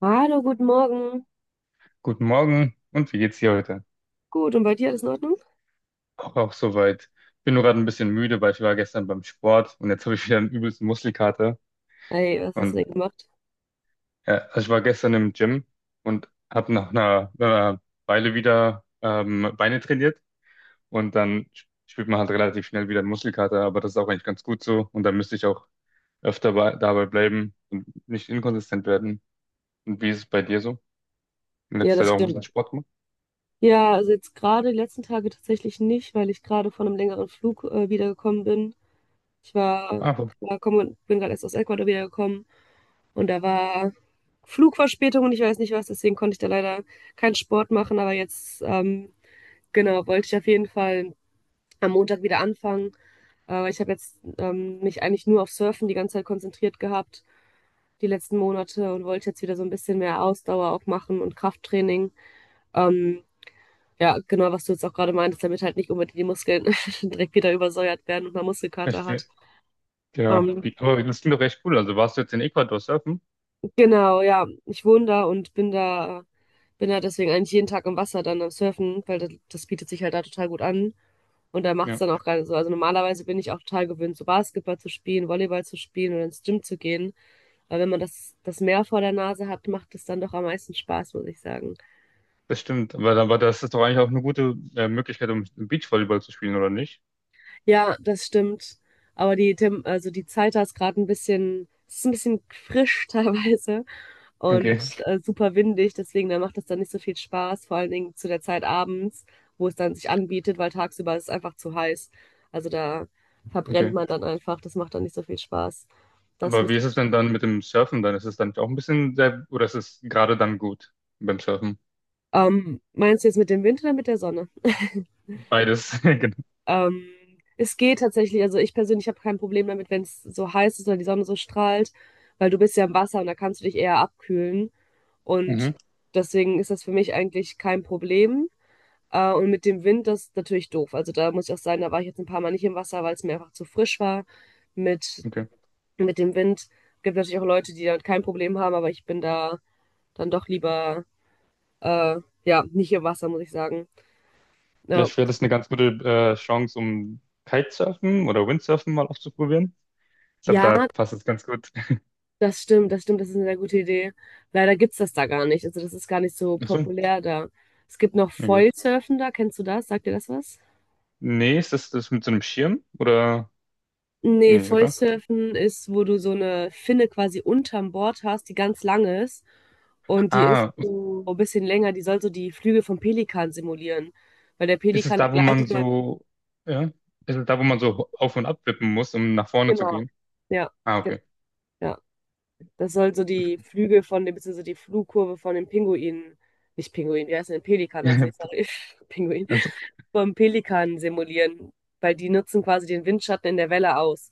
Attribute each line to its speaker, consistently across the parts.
Speaker 1: Hallo, guten Morgen.
Speaker 2: Guten Morgen und wie geht's dir heute?
Speaker 1: Gut, und bei dir alles in Ordnung?
Speaker 2: Auch soweit. Bin nur gerade ein bisschen müde, weil ich war gestern beim Sport und jetzt habe ich wieder einen übelsten Muskelkater.
Speaker 1: Hey, was hast du
Speaker 2: Und
Speaker 1: denn gemacht?
Speaker 2: also ich war gestern im Gym und habe nach einer Weile wieder Beine trainiert und dann spürt man halt relativ schnell wieder einen Muskelkater, aber das ist auch eigentlich ganz gut so und da müsste ich auch öfter dabei bleiben und nicht inkonsistent werden. Und wie ist es bei dir so? In
Speaker 1: Ja,
Speaker 2: letzter Zeit
Speaker 1: das
Speaker 2: auch ein bisschen
Speaker 1: stimmt.
Speaker 2: Sport gemacht?
Speaker 1: Ja, also jetzt gerade die letzten Tage tatsächlich nicht, weil ich gerade von einem längeren Flug wiedergekommen bin. Ich war,
Speaker 2: Ah,
Speaker 1: war komm, Bin gerade erst aus Ecuador wiedergekommen und da war Flugverspätung und ich weiß nicht was, deswegen konnte ich da leider keinen Sport machen, aber jetzt, genau, wollte ich auf jeden Fall am Montag wieder anfangen. Aber ich habe jetzt mich eigentlich nur auf Surfen die ganze Zeit konzentriert gehabt die letzten Monate und wollte jetzt wieder so ein bisschen mehr Ausdauer auch machen und Krafttraining. Ähm, ja, genau, was du jetzt auch gerade meintest, damit halt nicht unbedingt die Muskeln direkt wieder übersäuert werden und man Muskelkater
Speaker 2: echt?
Speaker 1: hat.
Speaker 2: Ja,
Speaker 1: Ähm,
Speaker 2: wie, aber das klingt doch echt cool. Also warst du jetzt in Ecuador surfen?
Speaker 1: genau, ja, ich wohne da und bin da deswegen eigentlich jeden Tag im Wasser dann am Surfen, weil das bietet sich halt da total gut an. Und da macht es
Speaker 2: Ja,
Speaker 1: dann auch gerade so. Also normalerweise bin ich auch total gewöhnt, so Basketball zu spielen, Volleyball zu spielen oder ins Gym zu gehen. Aber wenn man das Meer vor der Nase hat, macht es dann doch am meisten Spaß, muss ich sagen.
Speaker 2: das stimmt. Aber das ist doch eigentlich auch eine gute Möglichkeit, um Beachvolleyball zu spielen, oder nicht?
Speaker 1: Ja, das stimmt. Aber die, Tem also die Zeit da ist gerade ein bisschen, es ist ein bisschen frisch teilweise
Speaker 2: Okay,
Speaker 1: und super windig, deswegen da macht das dann nicht so viel Spaß, vor allen Dingen zu der Zeit abends, wo es dann sich anbietet, weil tagsüber ist es einfach zu heiß. Also da verbrennt
Speaker 2: okay.
Speaker 1: man dann einfach, das macht dann nicht so viel Spaß. Das
Speaker 2: Aber wie
Speaker 1: müsst-
Speaker 2: ist es denn dann mit dem Surfen dann? Ist es dann auch ein bisschen sehr, oder ist es gerade dann gut beim Surfen?
Speaker 1: Meinst du jetzt mit dem Wind oder mit der Sonne?
Speaker 2: Beides, genau.
Speaker 1: Ähm, Es geht tatsächlich, also ich persönlich habe kein Problem damit, wenn es so heiß ist oder die Sonne so strahlt, weil du bist ja im Wasser und da kannst du dich eher abkühlen. Und
Speaker 2: Mhm.
Speaker 1: deswegen ist das für mich eigentlich kein Problem. Und mit dem Wind, das ist natürlich doof. Also da muss ich auch sagen, da war ich jetzt ein paar Mal nicht im Wasser, weil es mir einfach zu frisch war mit,
Speaker 2: Okay.
Speaker 1: mit dem Wind. Gibt natürlich auch Leute, die damit kein Problem haben, aber ich bin da dann doch lieber, äh, ja, nicht im Wasser, muss ich sagen. Ja.
Speaker 2: Vielleicht wäre das eine ganz gute Chance, um Kitesurfen oder Windsurfen mal auszuprobieren. Ich glaube,
Speaker 1: Ja,
Speaker 2: da passt es ganz gut.
Speaker 1: das stimmt, das stimmt, das ist eine sehr gute Idee. Leider gibt's das da gar nicht. Also das ist gar nicht so
Speaker 2: Ach so,
Speaker 1: populär da. Es gibt noch
Speaker 2: okay.
Speaker 1: Foilsurfen da, kennst du das? Sagt dir das was?
Speaker 2: Nee, ist das das mit so einem Schirm? Oder?
Speaker 1: Nee,
Speaker 2: Nee, oder?
Speaker 1: Foilsurfen ist, wo du so eine Finne quasi unterm Board hast, die ganz lang ist. Und die ist
Speaker 2: Ah,
Speaker 1: so ein bisschen länger, die soll so die Flügel vom Pelikan simulieren. Weil der
Speaker 2: Ist es
Speaker 1: Pelikan, der
Speaker 2: da, wo man
Speaker 1: gleitet ja,
Speaker 2: so, ja? Ist es da, wo man so auf und ab wippen muss, um nach vorne zu
Speaker 1: genau.
Speaker 2: gehen?
Speaker 1: Ja,
Speaker 2: Ah,
Speaker 1: genau.
Speaker 2: okay.
Speaker 1: Ja. Das soll so die Flügel von dem, beziehungsweise die Flugkurve von dem Pinguin, nicht Pinguin, wie heißt denn Pelikan, heißt nicht, sorry, Pinguin.
Speaker 2: Also,
Speaker 1: Vom Pelikan simulieren, weil die nutzen quasi den Windschatten in der Welle aus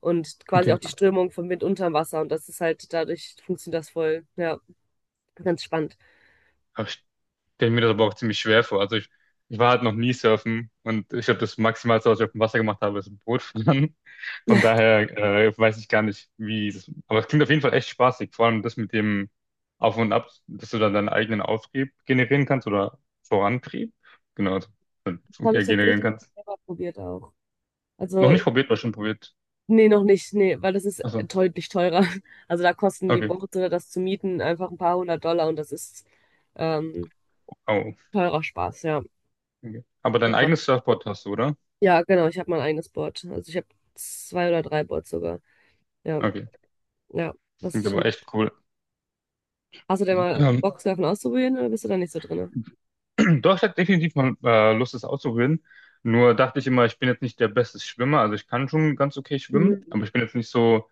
Speaker 1: und quasi auch
Speaker 2: okay.
Speaker 1: die Strömung vom Wind unterm Wasser. Und das ist halt, dadurch funktioniert das voll. Ja, ganz spannend.
Speaker 2: Aber ich stelle mir das aber auch ziemlich schwer vor. Ich war halt noch nie surfen und ich glaube, das Maximalste, was ich auf dem Wasser gemacht habe, ist ein Boot fahren. Von daher weiß ich gar nicht, wie das. Aber es klingt auf jeden Fall echt spaßig. Vor allem das mit dem Auf und Ab, dass du dann deinen eigenen Auftrieb generieren kannst oder Vorantrieb. Genau, also,
Speaker 1: Das habe ich
Speaker 2: generieren
Speaker 1: tatsächlich
Speaker 2: kannst.
Speaker 1: selber probiert auch.
Speaker 2: Noch
Speaker 1: Also,
Speaker 2: nicht probiert, war schon probiert.
Speaker 1: nee, noch nicht, nee, weil das ist
Speaker 2: Also,
Speaker 1: deutlich teurer. Also da kosten die
Speaker 2: okay.
Speaker 1: Boote oder das zu mieten einfach ein paar hundert Dollar und das ist ähm,
Speaker 2: Oh,
Speaker 1: teurer Spaß, ja.
Speaker 2: okay. Aber dein
Speaker 1: Genau.
Speaker 2: eigenes Surfboard hast du, oder?
Speaker 1: Ja, genau, ich habe mein eigenes Board. Also ich habe zwei oder drei Boards sogar. Ja,
Speaker 2: Okay,
Speaker 1: ja, das
Speaker 2: klingt
Speaker 1: ist schon.
Speaker 2: aber echt cool.
Speaker 1: Hast du denn
Speaker 2: Und,
Speaker 1: mal Bock, Surfen auszuprobieren oder bist du da nicht so drin?
Speaker 2: doch, ich hatte definitiv mal Lust, das auszuprobieren. Nur dachte ich immer, ich bin jetzt nicht der beste Schwimmer. Also ich kann schon ganz okay schwimmen,
Speaker 1: Mhm.
Speaker 2: aber ich bin jetzt nicht so,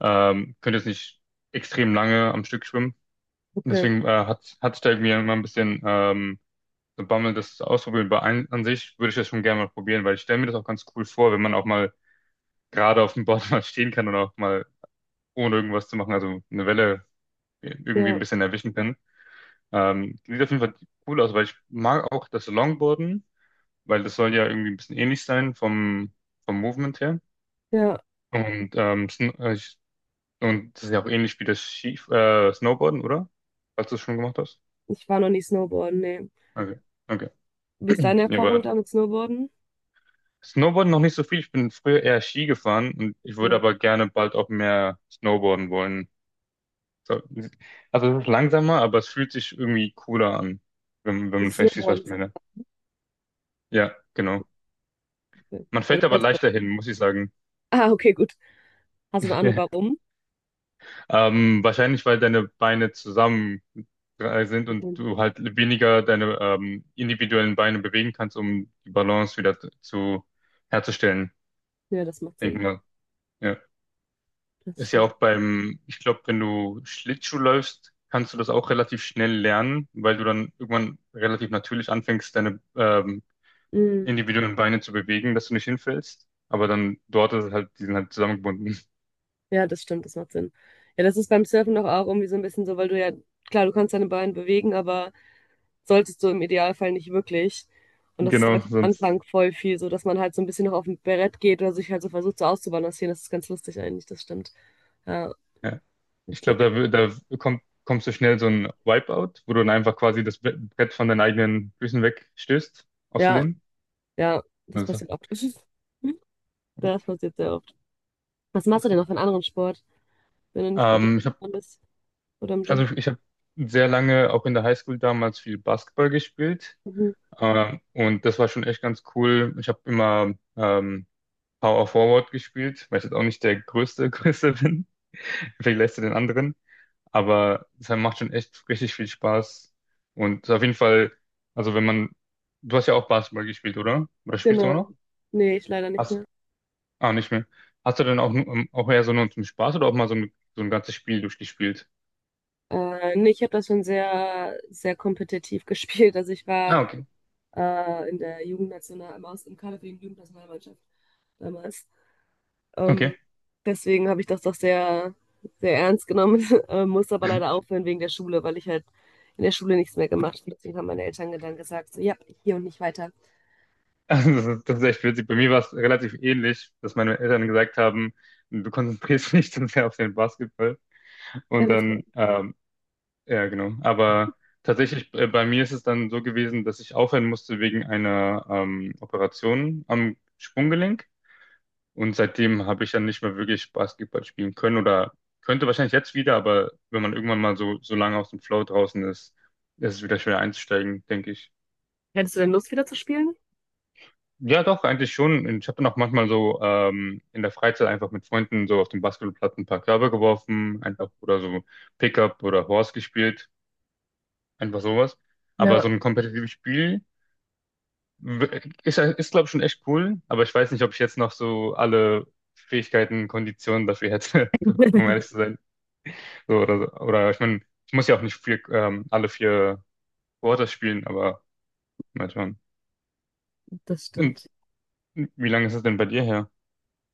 Speaker 2: könnte jetzt nicht extrem lange am Stück schwimmen. Und
Speaker 1: Okay.
Speaker 2: deswegen hatte ich da irgendwie immer ein bisschen so Bammel, das zu ausprobieren. An sich würde ich das schon gerne mal probieren, weil ich stelle mir das auch ganz cool vor, wenn man auch mal gerade auf dem Board mal stehen kann und auch mal ohne irgendwas zu machen, also eine Welle irgendwie ein
Speaker 1: Ja,
Speaker 2: bisschen erwischen kann. Sieht auf jeden Fall cool aus, weil ich mag auch das Longboarden, weil das soll ja irgendwie ein bisschen ähnlich sein vom Movement her.
Speaker 1: ja.
Speaker 2: Und, und das ist ja auch ähnlich wie das Ski Snowboarden, oder? Falls du es schon gemacht hast.
Speaker 1: Ich war noch nie Snowboarden, nee.
Speaker 2: Okay, okay.
Speaker 1: Wie ist deine
Speaker 2: Ja,
Speaker 1: Erfahrung
Speaker 2: aber
Speaker 1: da mit Snowboarden?
Speaker 2: Snowboarden noch nicht so viel. Ich bin früher eher Ski gefahren und ich würde
Speaker 1: Okay.
Speaker 2: aber gerne bald auch mehr Snowboarden wollen. So, also es ist langsamer, aber es fühlt sich irgendwie cooler an, wenn
Speaker 1: Also
Speaker 2: man versteht, was
Speaker 1: Snowboarden
Speaker 2: ich
Speaker 1: ist auch
Speaker 2: meine. Ja, genau.
Speaker 1: okay.
Speaker 2: Man
Speaker 1: Ja,
Speaker 2: fällt
Speaker 1: das
Speaker 2: aber
Speaker 1: heißt,
Speaker 2: leichter hin, muss ich sagen.
Speaker 1: ah, okay, gut. Hast du eine Ahnung, warum?
Speaker 2: Wahrscheinlich, weil deine Beine zusammen sind und
Speaker 1: Okay.
Speaker 2: du halt weniger deine individuellen Beine bewegen kannst, um die Balance wieder zu herzustellen.
Speaker 1: Ja, das macht
Speaker 2: Denk
Speaker 1: Sinn.
Speaker 2: mal. Ja.
Speaker 1: Das
Speaker 2: Ist ja
Speaker 1: stimmt.
Speaker 2: auch beim, ich glaube, wenn du Schlittschuh läufst, kannst du das auch relativ schnell lernen, weil du dann irgendwann relativ natürlich anfängst, deine
Speaker 1: Mhm.
Speaker 2: individuellen Beine zu bewegen, dass du nicht hinfällst. Aber dann dort ist es halt, die sind halt zusammengebunden.
Speaker 1: Ja, das stimmt, das macht Sinn. Ja, das ist beim Surfen doch auch irgendwie so ein bisschen so, weil du ja, klar, du kannst deine Beine bewegen, aber solltest du im Idealfall nicht wirklich. Und das ist, glaube
Speaker 2: Genau,
Speaker 1: ich, am
Speaker 2: sonst.
Speaker 1: Anfang voll viel so, dass man halt so ein bisschen noch auf dem Brett geht oder sich halt so versucht, so auszubalancieren. Das ist ganz lustig eigentlich, das stimmt. Ja,
Speaker 2: Ja. Ich
Speaker 1: witzig.
Speaker 2: glaube, da kommst du schnell so ein Wipeout, wo du dann einfach quasi das Brett von deinen eigenen Füßen wegstößt, aus
Speaker 1: Ja,
Speaker 2: Versehen.
Speaker 1: ja, das
Speaker 2: Also,
Speaker 1: passiert oft. Das passiert sehr oft. Was machst du
Speaker 2: das,
Speaker 1: denn noch für einen anderen Sport, wenn du nicht gerade
Speaker 2: ähm, ich habe
Speaker 1: dran bist oder im
Speaker 2: also
Speaker 1: Gym?
Speaker 2: ich habe sehr lange auch in der Highschool damals viel Basketball gespielt.
Speaker 1: Mhm.
Speaker 2: Und das war schon echt ganz cool. Ich habe immer Power Forward gespielt, weil ich jetzt auch nicht der größte, Größe bin, vielleicht lässt du den anderen. Aber es macht schon echt richtig viel Spaß. Und auf jeden Fall, also wenn man, du hast ja auch Basketball gespielt, oder? Oder spielst du immer
Speaker 1: Genau.
Speaker 2: noch?
Speaker 1: Nee, ich leider nicht
Speaker 2: Hast,
Speaker 1: mehr.
Speaker 2: ah, nicht mehr. Hast du dann auch, auch eher so nur zum Spaß oder auch mal so so ein ganzes Spiel durchgespielt?
Speaker 1: Nee, ich habe das schon sehr, sehr kompetitiv gespielt. Also ich war
Speaker 2: Ah, okay.
Speaker 1: in der Jugendnational, im, Aus- im Kader für die Jugendnationalmannschaft damals.
Speaker 2: Okay.
Speaker 1: Ähm, Deswegen habe ich das doch sehr, sehr ernst genommen, musste aber leider aufhören wegen der Schule, weil ich halt in der Schule nichts mehr gemacht habe. Deswegen haben meine Eltern dann gesagt, so, ja, hier und nicht weiter.
Speaker 2: Das ist echt witzig. Bei mir war es relativ ähnlich, dass meine Eltern gesagt haben, du konzentrierst dich zu sehr auf den Basketball. Und
Speaker 1: Dann wird's besser.
Speaker 2: dann ja, genau. Aber tatsächlich, bei mir ist es dann so gewesen, dass ich aufhören musste wegen einer Operation am Sprunggelenk. Und seitdem habe ich dann nicht mehr wirklich Basketball spielen können oder könnte wahrscheinlich jetzt wieder, aber wenn man irgendwann mal so lange aus dem Flow draußen ist, ist es wieder schwer einzusteigen, denke ich.
Speaker 1: Hättest du denn Lust, wieder zu spielen?
Speaker 2: Ja, doch, eigentlich schon. Und ich habe dann auch manchmal so in der Freizeit einfach mit Freunden so auf dem Basketballplatz ein paar Körbe geworfen, einfach oder so Pickup oder Horse gespielt, einfach sowas. Aber
Speaker 1: Ja,
Speaker 2: so ein kompetitives Spiel. Ist glaube ich, schon echt cool, aber ich weiß nicht, ob ich jetzt noch so alle Fähigkeiten, Konditionen dafür hätte, um ehrlich zu sein. So, oder, so. Oder ich meine, ich muss ja auch nicht vier, alle vier Quarters spielen, aber mal schauen.
Speaker 1: das
Speaker 2: Und
Speaker 1: stimmt.
Speaker 2: wie lange ist es denn bei dir her?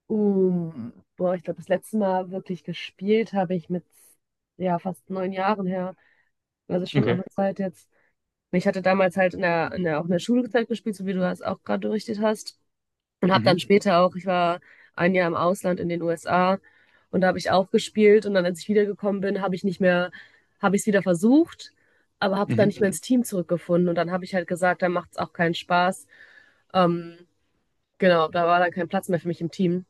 Speaker 1: Boah, ich glaube, das letzte Mal wirklich gespielt habe ich mit ja fast 9 Jahren her. Also schon auch
Speaker 2: Okay.
Speaker 1: eine Zeit jetzt. Ich hatte damals halt auch in der Schulzeit gespielt, so wie du das auch gerade berichtet hast. Und habe
Speaker 2: Mhm.
Speaker 1: dann später auch, ich war ein Jahr im Ausland in den USA und da habe ich auch gespielt. Und dann, als ich wiedergekommen bin, habe ich nicht mehr, habe ich es wieder versucht, aber habe dann
Speaker 2: Mhm.
Speaker 1: nicht mehr ins Team zurückgefunden. Und dann habe ich halt gesagt, dann macht es auch keinen Spaß. Ähm, genau, da war dann kein Platz mehr für mich im Team.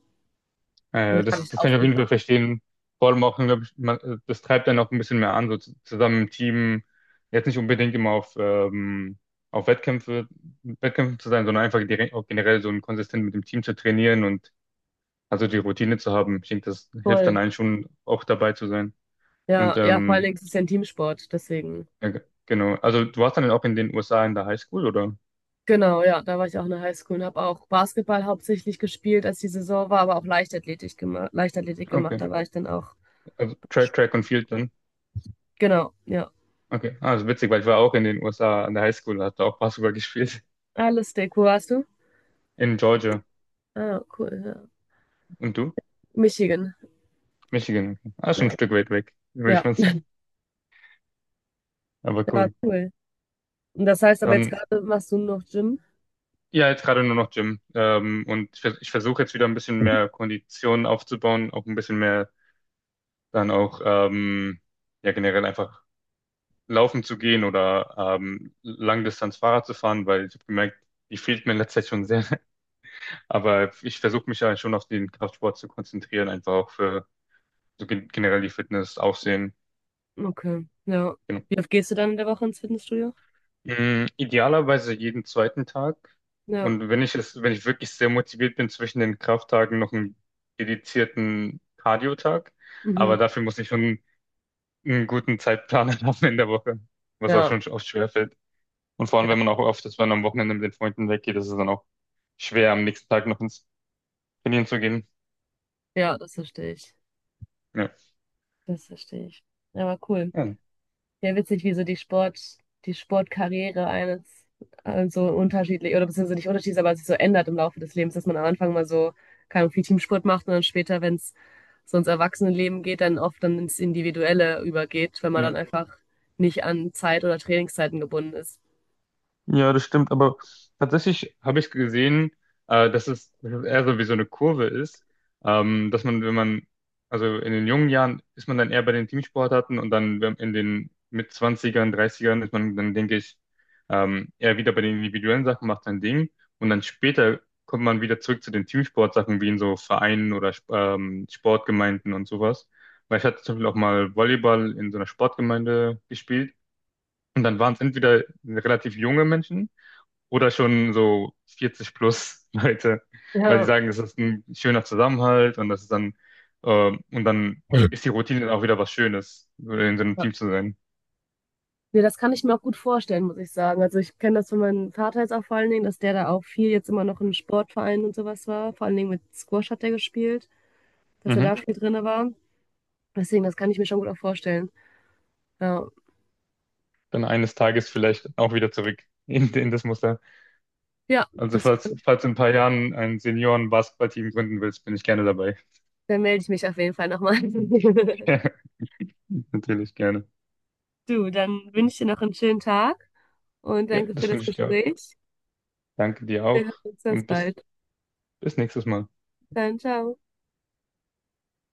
Speaker 1: Und dann habe ich
Speaker 2: Das kann ich auf jeden
Speaker 1: aufgehört.
Speaker 2: Fall verstehen. Vor allem auch, glaube ich, das treibt einen auch ein bisschen mehr an, so zusammen im Team, jetzt nicht unbedingt immer auf Wettkämpfen zu sein, sondern einfach direkt, auch generell so ein konsistent mit dem Team zu trainieren und also die Routine zu haben. Ich denke, das hilft
Speaker 1: Voll.
Speaker 2: dann einen schon auch dabei zu sein.
Speaker 1: Ja,
Speaker 2: Und
Speaker 1: ja, vor allen Dingen ist es ja ein Teamsport, deswegen.
Speaker 2: genau. Also du warst dann auch in den USA in der Highschool, oder?
Speaker 1: Genau, ja, da war ich auch in der Highschool und habe auch Basketball hauptsächlich gespielt, als die Saison war, aber auch Leichtathletik gemacht,
Speaker 2: Okay.
Speaker 1: da war ich dann auch.
Speaker 2: Also Track und Field dann.
Speaker 1: Genau, ja.
Speaker 2: Okay. Ah, das ist witzig, weil ich war auch in den USA an der Highschool, hatte auch Basketball gespielt
Speaker 1: Ah, lustig. Wo warst du?
Speaker 2: in Georgia.
Speaker 1: Ah, cool, ja.
Speaker 2: Und du?
Speaker 1: Michigan.
Speaker 2: Michigan. Okay. Ah, schon ein
Speaker 1: Ja.
Speaker 2: Stück weit weg, würde
Speaker 1: Ja.
Speaker 2: ich mal sagen. Aber
Speaker 1: Ja,
Speaker 2: cool.
Speaker 1: cool. Und das heißt aber jetzt
Speaker 2: Dann,
Speaker 1: gerade machst du noch Gym?
Speaker 2: ja, jetzt gerade nur noch Gym. Und ich versuche jetzt wieder ein bisschen mehr Kondition aufzubauen, auch ein bisschen mehr dann auch, ähm, ja, generell einfach laufen zu gehen oder Langdistanz Fahrrad zu fahren, weil ich habe gemerkt, die fehlt mir in letzter Zeit schon sehr. Aber ich versuche mich ja schon auf den Kraftsport zu konzentrieren, einfach auch für so generell die Fitness, Aussehen.
Speaker 1: Okay. Ja. Wie oft gehst du dann in der Woche ins Fitnessstudio?
Speaker 2: Mm, idealerweise jeden zweiten Tag.
Speaker 1: Ja.
Speaker 2: Und wenn ich wirklich sehr motiviert bin, zwischen den Krafttagen noch einen dedizierten Cardio-Tag.
Speaker 1: Mhm.
Speaker 2: Aber dafür muss ich schon einen guten Zeitplan haben in der Woche, was auch
Speaker 1: Ja.
Speaker 2: schon oft schwerfällt. Und vor
Speaker 1: Ja,
Speaker 2: allem, wenn man auch oft ist, wenn man am Wochenende mit den Freunden weggeht, ist es dann auch schwer, am nächsten Tag noch ins Trainieren zu gehen.
Speaker 1: ja, das verstehe ich.
Speaker 2: Ja.
Speaker 1: Das verstehe ich. Ja, aber cool.
Speaker 2: Ja.
Speaker 1: Ja, witzig, wie so die Sportkarriere eines so unterschiedlich, oder beziehungsweise nicht unterschiedlich, aber sich so ändert im Laufe des Lebens, dass man am Anfang mal so, keine Ahnung, viel Teamsport macht und dann später, wenn es so ins Erwachsenenleben geht, dann oft dann ins Individuelle übergeht, wenn man dann
Speaker 2: Ja.
Speaker 1: einfach nicht an Zeit oder Trainingszeiten gebunden ist.
Speaker 2: Ja, das stimmt, aber tatsächlich habe ich gesehen, dass es eher so wie so eine Kurve ist, dass man, wenn man, also in den jungen Jahren ist man dann eher bei den Teamsportarten und dann in den mit Zwanzigern, Dreißigern ist man dann, denke ich, eher wieder bei den individuellen Sachen, macht sein Ding und dann später kommt man wieder zurück zu den Teamsportsachen, wie in so Vereinen oder Sportgemeinden und sowas. Weil ich hatte zum Beispiel auch mal Volleyball in so einer Sportgemeinde gespielt. Und dann waren es entweder relativ junge Menschen, oder schon so 40 plus Leute, weil die
Speaker 1: Ja.
Speaker 2: sagen, es ist ein schöner Zusammenhalt und das ist dann
Speaker 1: Voll.
Speaker 2: ist die Routine dann auch wieder was Schönes, so in so einem
Speaker 1: Ja,
Speaker 2: Team zu sein.
Speaker 1: Nee, das kann ich mir auch gut vorstellen, muss ich sagen. Also ich kenne das von meinem Vater jetzt auch vor allen Dingen, dass der da auch viel jetzt immer noch in Sportvereinen und sowas war. Vor allen Dingen mit Squash hat er gespielt, dass er
Speaker 2: Mhm.
Speaker 1: da viel drinne war. Deswegen, das kann ich mir schon gut auch vorstellen. Ja,
Speaker 2: Dann eines Tages vielleicht auch wieder zurück in das Muster.
Speaker 1: ja
Speaker 2: Also
Speaker 1: das,
Speaker 2: falls in ein paar Jahren ein Senioren-Basketballteam gründen willst, bin ich gerne dabei.
Speaker 1: Dann melde ich mich auf jeden Fall nochmal.
Speaker 2: Natürlich gerne.
Speaker 1: Du, dann wünsche ich dir noch einen schönen Tag und
Speaker 2: Ja,
Speaker 1: danke für
Speaker 2: das
Speaker 1: das
Speaker 2: wünsche ich dir auch.
Speaker 1: Gespräch.
Speaker 2: Danke dir
Speaker 1: Wir hören
Speaker 2: auch
Speaker 1: uns ganz
Speaker 2: und
Speaker 1: bald.
Speaker 2: bis nächstes Mal.
Speaker 1: Dann, ciao.